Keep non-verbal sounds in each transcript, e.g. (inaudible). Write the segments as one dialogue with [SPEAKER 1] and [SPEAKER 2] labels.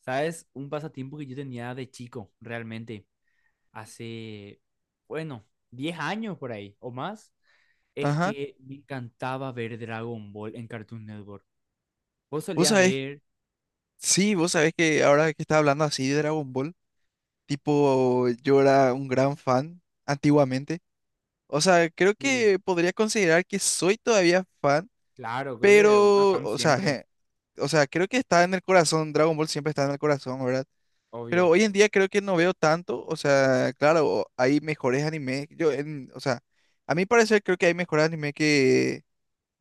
[SPEAKER 1] ¿Sabes? Un pasatiempo que yo tenía de chico, realmente, hace, bueno, 10 años por ahí o más, es
[SPEAKER 2] Ajá.
[SPEAKER 1] que me encantaba ver Dragon Ball en Cartoon Network. ¿Vos
[SPEAKER 2] Vos
[SPEAKER 1] solías
[SPEAKER 2] sabés,
[SPEAKER 1] ver?
[SPEAKER 2] sí, vos sabés que ahora que estás hablando así de Dragon Ball, tipo, yo era un gran fan antiguamente. O sea, creo
[SPEAKER 1] Sí,
[SPEAKER 2] que podría considerar que soy todavía fan,
[SPEAKER 1] claro, creo que una
[SPEAKER 2] pero,
[SPEAKER 1] fan
[SPEAKER 2] o sea,
[SPEAKER 1] siempre,
[SPEAKER 2] (laughs) o sea, creo que está en el corazón, Dragon Ball siempre está en el corazón, ¿verdad? Pero
[SPEAKER 1] obvio.
[SPEAKER 2] hoy en día creo que no veo tanto, o sea, claro, hay mejores animes, yo en, o sea, a mi parecer creo que hay mejores animes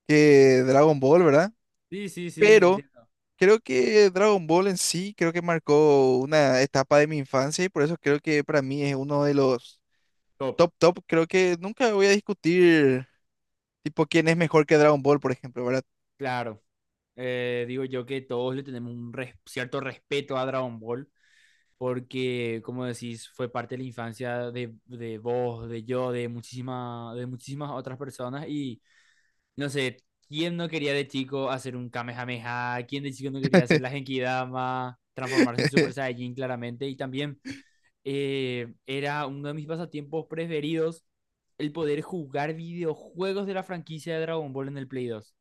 [SPEAKER 2] que Dragon Ball, ¿verdad?
[SPEAKER 1] Sí, sí, sí,
[SPEAKER 2] Pero
[SPEAKER 1] entiendo.
[SPEAKER 2] creo que Dragon Ball en sí creo que marcó una etapa de mi infancia y por eso creo que para mí es uno de los
[SPEAKER 1] Top.
[SPEAKER 2] top top, creo que nunca voy a discutir tipo quién es mejor que Dragon Ball, por ejemplo, ¿verdad?
[SPEAKER 1] Claro. Digo yo que todos le tenemos un cierto respeto a Dragon Ball. Porque, como decís, fue parte de la infancia de vos, de yo, de muchísimas otras personas y, no sé, ¿quién no quería de chico hacer un Kamehameha? ¿Quién de chico no quería hacer la Genkidama? Transformarse en Super Saiyajin claramente y también era uno de mis pasatiempos preferidos, el poder jugar videojuegos de la franquicia de Dragon Ball en el Play 2.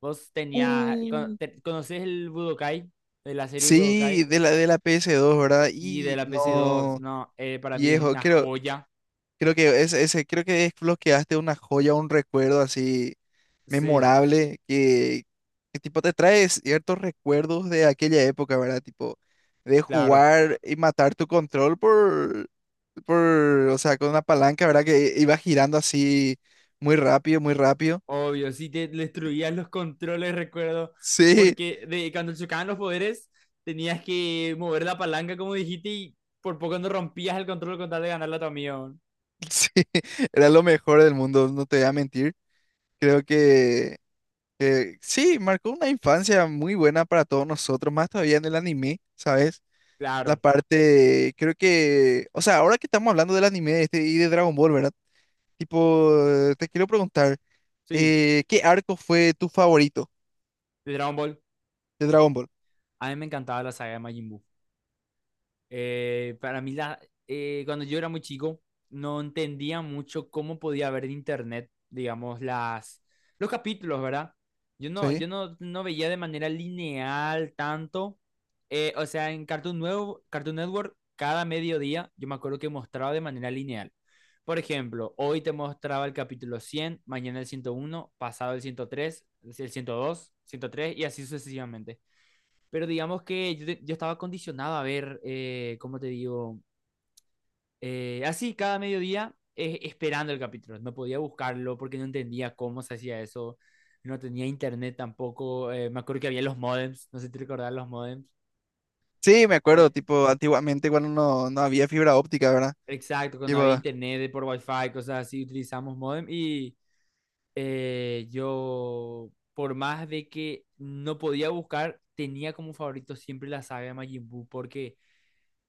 [SPEAKER 1] Vos tenías,
[SPEAKER 2] Uh,
[SPEAKER 1] ¿conoces el Budokai? De la serie Budokai.
[SPEAKER 2] Sí, de la PS2, ¿verdad?
[SPEAKER 1] Sí, de
[SPEAKER 2] Y
[SPEAKER 1] la PC2.
[SPEAKER 2] no,
[SPEAKER 1] No, para mí es
[SPEAKER 2] viejo,
[SPEAKER 1] una
[SPEAKER 2] creo.
[SPEAKER 1] joya.
[SPEAKER 2] Creo que es, ese, creo que desbloqueaste una joya, un recuerdo así
[SPEAKER 1] Sí,
[SPEAKER 2] memorable que tipo te trae ciertos recuerdos de aquella época, ¿verdad? Tipo de
[SPEAKER 1] claro.
[SPEAKER 2] jugar y matar tu control por, o sea, con una palanca, ¿verdad? Que iba girando así muy rápido, muy rápido.
[SPEAKER 1] Obvio, sí te destruías los controles, recuerdo.
[SPEAKER 2] Sí,
[SPEAKER 1] Porque cuando chocaban los poderes, tenías que mover la palanca, como dijiste, y por poco no rompías el control con tal de ganarle a tu amigo.
[SPEAKER 2] (laughs) sí, era lo mejor del mundo, no te voy a mentir. Creo que sí, marcó una infancia muy buena para todos nosotros, más todavía en el anime, ¿sabes? La
[SPEAKER 1] Claro,
[SPEAKER 2] parte, creo que, o sea, ahora que estamos hablando del anime este y de Dragon Ball, ¿verdad? Tipo, te quiero preguntar,
[SPEAKER 1] sí.
[SPEAKER 2] ¿qué arco fue tu favorito
[SPEAKER 1] De Dragon Ball.
[SPEAKER 2] de Dragon Ball?
[SPEAKER 1] A mí me encantaba la saga de Majin Buu. Para mí, cuando yo era muy chico, no entendía mucho cómo podía ver en internet, digamos, los capítulos, ¿verdad? Yo no,
[SPEAKER 2] Sí.
[SPEAKER 1] yo no, no veía de manera lineal tanto. O sea, en Cartoon Network, cada mediodía, yo me acuerdo que mostraba de manera lineal. Por ejemplo, hoy te mostraba el capítulo 100, mañana el 101, pasado el 103, el 102, 103, y así sucesivamente. Pero digamos que yo estaba condicionado a ver, ¿cómo te digo? Así cada mediodía, esperando el capítulo. No podía buscarlo porque no entendía cómo se hacía eso. No tenía internet tampoco. Me acuerdo que había los modems. No sé si te recordás los modems.
[SPEAKER 2] Sí, me acuerdo,
[SPEAKER 1] Eh,
[SPEAKER 2] tipo, antiguamente cuando no, no había fibra óptica, ¿verdad?
[SPEAKER 1] exacto, cuando
[SPEAKER 2] Tipo,
[SPEAKER 1] había internet de por wifi, cosas así, utilizamos modem. Y yo, por más de que no podía buscar, tenía como favorito siempre la saga de Majin Buu porque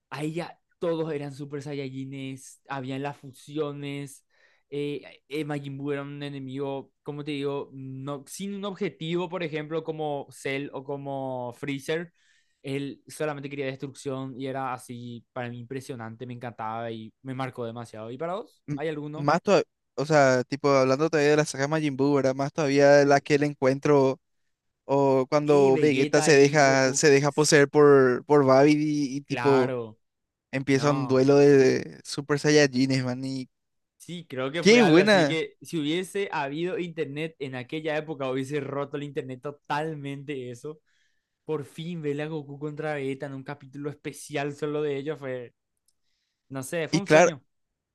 [SPEAKER 1] ahí ya todos eran Super Saiyajines, habían las fusiones, Majin Buu era un enemigo, como te digo, no, sin un objetivo, por ejemplo, como Cell o como Freezer. Él solamente quería destrucción y era así, para mí impresionante, me encantaba y me marcó demasiado. ¿Y para vos?
[SPEAKER 2] m-
[SPEAKER 1] ¿Hay alguno?
[SPEAKER 2] más todavía, o sea, tipo, hablando todavía de la saga Majin Buu, ¿verdad? Más todavía de la
[SPEAKER 1] Sí.
[SPEAKER 2] que el encuentro o
[SPEAKER 1] Y
[SPEAKER 2] cuando Vegeta
[SPEAKER 1] Vegeta y Goku.
[SPEAKER 2] se deja poseer por Babidi y, tipo,
[SPEAKER 1] Claro,
[SPEAKER 2] empieza un
[SPEAKER 1] no.
[SPEAKER 2] duelo de Super Saiyajines, man, y
[SPEAKER 1] Sí, creo que fue
[SPEAKER 2] qué
[SPEAKER 1] algo así
[SPEAKER 2] buena.
[SPEAKER 1] que si hubiese habido internet en aquella época, hubiese roto el internet totalmente eso. Por fin verle a Goku contra Vegeta en un capítulo especial solo de ellos fue, no sé, fue
[SPEAKER 2] Y
[SPEAKER 1] un
[SPEAKER 2] claro,
[SPEAKER 1] sueño.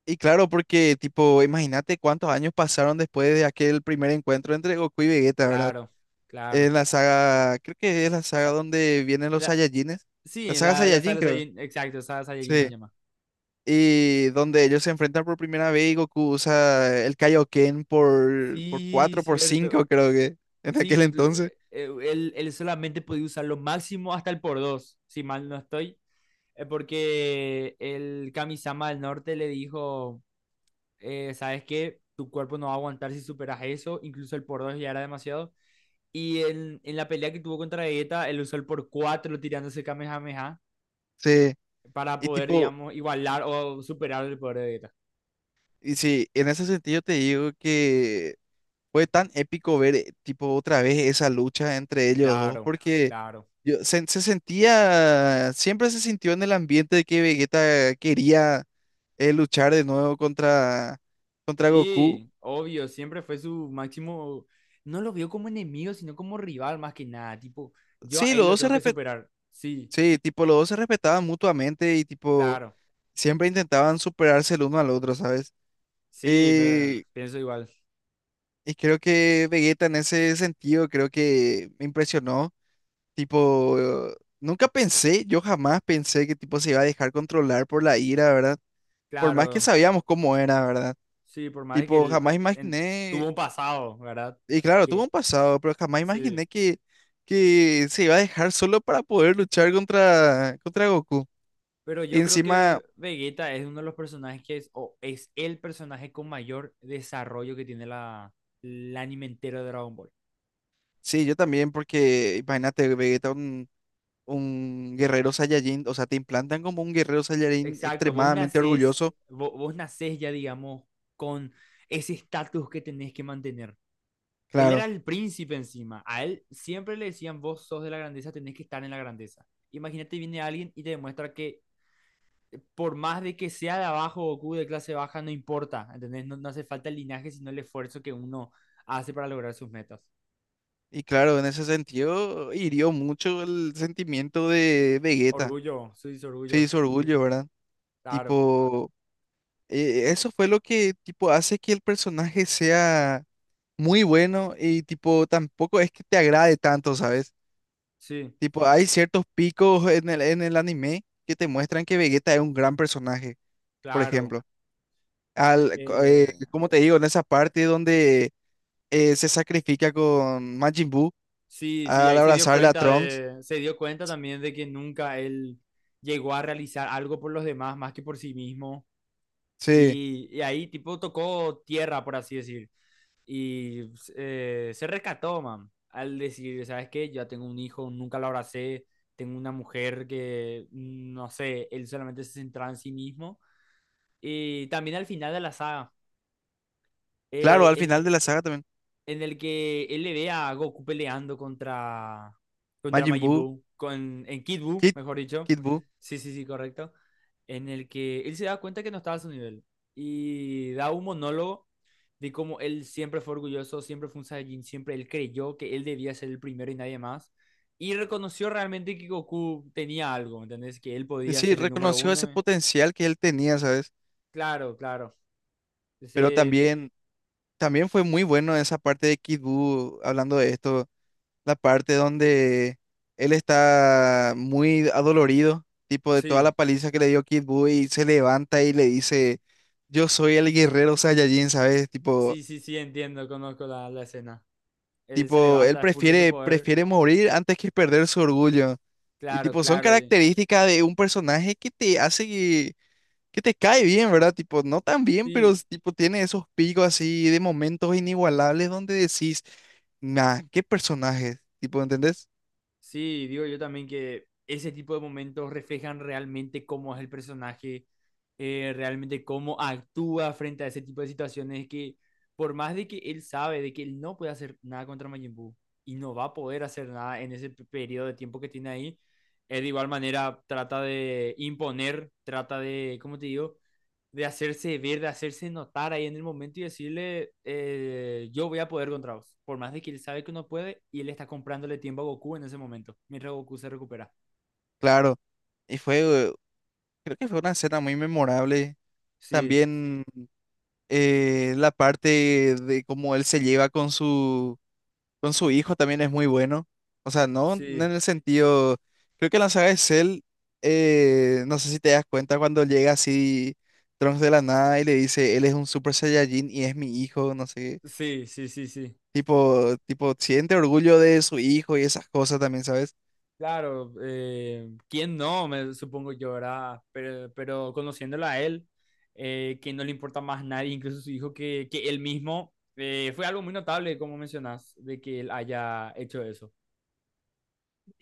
[SPEAKER 2] y claro, porque tipo, imagínate cuántos años pasaron después de aquel primer encuentro entre Goku y Vegeta, ¿verdad?
[SPEAKER 1] Claro, claro.
[SPEAKER 2] En
[SPEAKER 1] O
[SPEAKER 2] la saga, creo que es la saga
[SPEAKER 1] sea,
[SPEAKER 2] donde vienen los
[SPEAKER 1] la-
[SPEAKER 2] Saiyajines.
[SPEAKER 1] sí,
[SPEAKER 2] La
[SPEAKER 1] en
[SPEAKER 2] saga
[SPEAKER 1] la
[SPEAKER 2] Saiyajin,
[SPEAKER 1] sala
[SPEAKER 2] creo.
[SPEAKER 1] Saiyajin, exacto, sala Saiyajin se
[SPEAKER 2] Sí.
[SPEAKER 1] llama.
[SPEAKER 2] Y donde ellos se enfrentan por primera vez y Goku usa el Kaioken por
[SPEAKER 1] Sí,
[SPEAKER 2] 4 por
[SPEAKER 1] cierto.
[SPEAKER 2] 5 creo que, en
[SPEAKER 1] Sí,
[SPEAKER 2] aquel entonces.
[SPEAKER 1] él solamente podía usar lo máximo hasta el por dos, si mal no estoy. Porque el Kamisama del Norte le dijo. Sabes que tu cuerpo no va a aguantar si superas eso, incluso el por 2 ya era demasiado. Y en la pelea que tuvo contra Vegeta, él usó el por 4 tirándose Kamehameha
[SPEAKER 2] Sí.
[SPEAKER 1] para
[SPEAKER 2] Y
[SPEAKER 1] poder,
[SPEAKER 2] tipo,
[SPEAKER 1] digamos, igualar o superar el poder de Vegeta.
[SPEAKER 2] y sí, en ese sentido te digo que fue tan épico ver, tipo, otra vez esa lucha entre ellos dos,
[SPEAKER 1] Claro,
[SPEAKER 2] porque
[SPEAKER 1] claro.
[SPEAKER 2] Se, se sentía, siempre se sintió en el ambiente de que Vegeta quería luchar de nuevo contra, contra Goku.
[SPEAKER 1] Sí, obvio, siempre fue su máximo. No lo vio como enemigo, sino como rival más que nada. Tipo, yo a
[SPEAKER 2] Sí,
[SPEAKER 1] él
[SPEAKER 2] los
[SPEAKER 1] lo
[SPEAKER 2] dos se
[SPEAKER 1] tengo que
[SPEAKER 2] respet-
[SPEAKER 1] superar. Sí,
[SPEAKER 2] sí, tipo, los dos se respetaban mutuamente y tipo,
[SPEAKER 1] claro.
[SPEAKER 2] siempre intentaban superarse el uno al otro, ¿sabes?
[SPEAKER 1] Sí,
[SPEAKER 2] Eh,
[SPEAKER 1] pienso igual.
[SPEAKER 2] y creo que Vegeta en ese sentido, creo que me impresionó. Tipo, nunca pensé, yo jamás pensé que tipo se iba a dejar controlar por la ira, ¿verdad? Por más que
[SPEAKER 1] Claro.
[SPEAKER 2] sabíamos cómo era, ¿verdad?
[SPEAKER 1] Sí, por más de que
[SPEAKER 2] Tipo,
[SPEAKER 1] él
[SPEAKER 2] jamás
[SPEAKER 1] tuvo
[SPEAKER 2] imaginé.
[SPEAKER 1] un pasado, ¿verdad?
[SPEAKER 2] Y claro, tuvo un
[SPEAKER 1] Que
[SPEAKER 2] pasado, pero jamás
[SPEAKER 1] sí.
[SPEAKER 2] imaginé que se iba a dejar solo para poder luchar contra, contra Goku.
[SPEAKER 1] Pero
[SPEAKER 2] Y
[SPEAKER 1] yo creo
[SPEAKER 2] encima,
[SPEAKER 1] que Vegeta es uno de los personajes que es, o es el personaje con mayor desarrollo que tiene el anime entero de Dragon Ball.
[SPEAKER 2] sí, yo también, porque imagínate, Vegeta, un guerrero Saiyajin, o sea, te implantan como un guerrero Saiyajin
[SPEAKER 1] Exacto,
[SPEAKER 2] extremadamente orgulloso,
[SPEAKER 1] vos, nacés ya, digamos, con ese estatus que tenés que mantener. Él
[SPEAKER 2] claro.
[SPEAKER 1] era el príncipe encima. A él siempre le decían, vos sos de la grandeza, tenés que estar en la grandeza. Imagínate, viene alguien y te demuestra que por más de que sea de abajo o Goku de clase baja, no importa, ¿entendés? No, no hace falta el linaje, sino el esfuerzo que uno hace para lograr sus metas.
[SPEAKER 2] Y claro, en ese sentido, hirió mucho el sentimiento de Vegeta,
[SPEAKER 1] Orgullo, sí, sí, orgullo,
[SPEAKER 2] sí, su orgullo, ¿verdad?
[SPEAKER 1] claro,
[SPEAKER 2] Tipo, eso fue lo que, tipo, hace que el personaje sea muy bueno y tipo tampoco es que te agrade tanto, ¿sabes?
[SPEAKER 1] sí,
[SPEAKER 2] Tipo, hay ciertos picos en el anime que te muestran que Vegeta es un gran personaje, por
[SPEAKER 1] claro.
[SPEAKER 2] ejemplo.
[SPEAKER 1] Eh,
[SPEAKER 2] Como te digo, en esa parte donde se sacrifica con Majin Buu
[SPEAKER 1] sí, sí,
[SPEAKER 2] al
[SPEAKER 1] ahí
[SPEAKER 2] abrazarle a Trunks.
[SPEAKER 1] se dio cuenta también de que nunca él llegó a realizar algo por los demás más que por sí mismo.
[SPEAKER 2] Sí,
[SPEAKER 1] Y ahí tipo tocó tierra, por así decir. Y pues, se rescató, man, al decir, ¿sabes qué? Yo ya tengo un hijo, nunca lo abracé, tengo una mujer que, no sé, él solamente se centraba en sí mismo. Y también al final de la saga,
[SPEAKER 2] claro,
[SPEAKER 1] eh,
[SPEAKER 2] al
[SPEAKER 1] en,
[SPEAKER 2] final de la saga también.
[SPEAKER 1] en el que él le ve a Goku peleando contra
[SPEAKER 2] Majin
[SPEAKER 1] Majin
[SPEAKER 2] Buu,
[SPEAKER 1] Buu, en Kid Buu,
[SPEAKER 2] Kid,
[SPEAKER 1] mejor dicho.
[SPEAKER 2] Kid Buu.
[SPEAKER 1] Sí, sí, sí, correcto. En el que él se da cuenta que no estaba a su nivel y da un monólogo de cómo él siempre fue orgulloso, siempre fue un Saiyajin, siempre él creyó que él debía ser el primero y nadie más. Y reconoció realmente que Goku tenía algo, ¿me ¿entendés? Que él
[SPEAKER 2] Y
[SPEAKER 1] podía
[SPEAKER 2] sí,
[SPEAKER 1] ser el número
[SPEAKER 2] reconoció ese
[SPEAKER 1] uno.
[SPEAKER 2] potencial que él tenía, ¿sabes?
[SPEAKER 1] Claro, claro.
[SPEAKER 2] Pero
[SPEAKER 1] Ese di-
[SPEAKER 2] también, también fue muy bueno esa parte de Kid Buu hablando de esto, la parte donde él está muy adolorido, tipo de toda la
[SPEAKER 1] sí,
[SPEAKER 2] paliza que le dio Kid Buu y se levanta y le dice, yo soy el guerrero Saiyajin, ¿sabes? Tipo,
[SPEAKER 1] sí, sí, sí, entiendo, conozco la escena. Él se
[SPEAKER 2] tipo, él
[SPEAKER 1] levanta, expulsa su
[SPEAKER 2] prefiere,
[SPEAKER 1] poder.
[SPEAKER 2] prefiere morir antes que perder su orgullo. Y
[SPEAKER 1] Claro,
[SPEAKER 2] tipo, son
[SPEAKER 1] claro. Y,
[SPEAKER 2] características de un personaje que te hace que te cae bien, ¿verdad? Tipo, no tan bien, pero
[SPEAKER 1] y
[SPEAKER 2] tipo tiene esos picos así de momentos inigualables donde decís, nah, qué personaje, tipo, ¿entendés?
[SPEAKER 1] sí, digo yo también que ese tipo de momentos reflejan realmente cómo es el personaje, realmente cómo actúa frente a ese tipo de situaciones, que por más de que él sabe de que él no puede hacer nada contra Majin Buu y no va a poder hacer nada en ese periodo de tiempo que tiene ahí, él de igual manera trata de imponer, trata de, ¿cómo te digo? De hacerse ver, de hacerse notar ahí en el momento y decirle, yo voy a poder contra vos. Por más de que él sabe que no puede, y él está comprándole tiempo a Goku en ese momento, mientras Goku se recupera.
[SPEAKER 2] Claro, y fue, creo que fue una escena muy memorable.
[SPEAKER 1] Sí,
[SPEAKER 2] También la parte de cómo él se lleva con su hijo también es muy bueno. O sea, no en
[SPEAKER 1] sí,
[SPEAKER 2] el sentido, creo que en la saga de Cell, no sé si te das cuenta cuando llega así Trunks de la nada y le dice, él es un Super Saiyajin y es mi hijo, no sé.
[SPEAKER 1] sí, sí, sí, sí.
[SPEAKER 2] Tipo, siente orgullo de su hijo y esas cosas también, ¿sabes?
[SPEAKER 1] Claro, ¿quién no? Me supongo yo, ¿verdad? Pero conociéndolo a él, que no le importa más nadie, incluso su hijo, que él mismo, fue algo muy notable, como mencionas, de que él haya hecho eso.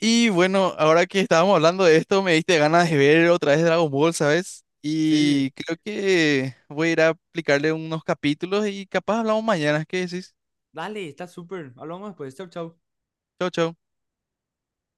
[SPEAKER 2] Y bueno, ahora que estábamos hablando de esto, me diste ganas de ver otra vez Dragon Ball, ¿sabes?
[SPEAKER 1] Sí,
[SPEAKER 2] Y creo que voy a ir a aplicarle unos capítulos y capaz hablamos mañana. ¿Qué decís?
[SPEAKER 1] dale, está súper. Hablamos después. Chau, chau.
[SPEAKER 2] Chau, chau.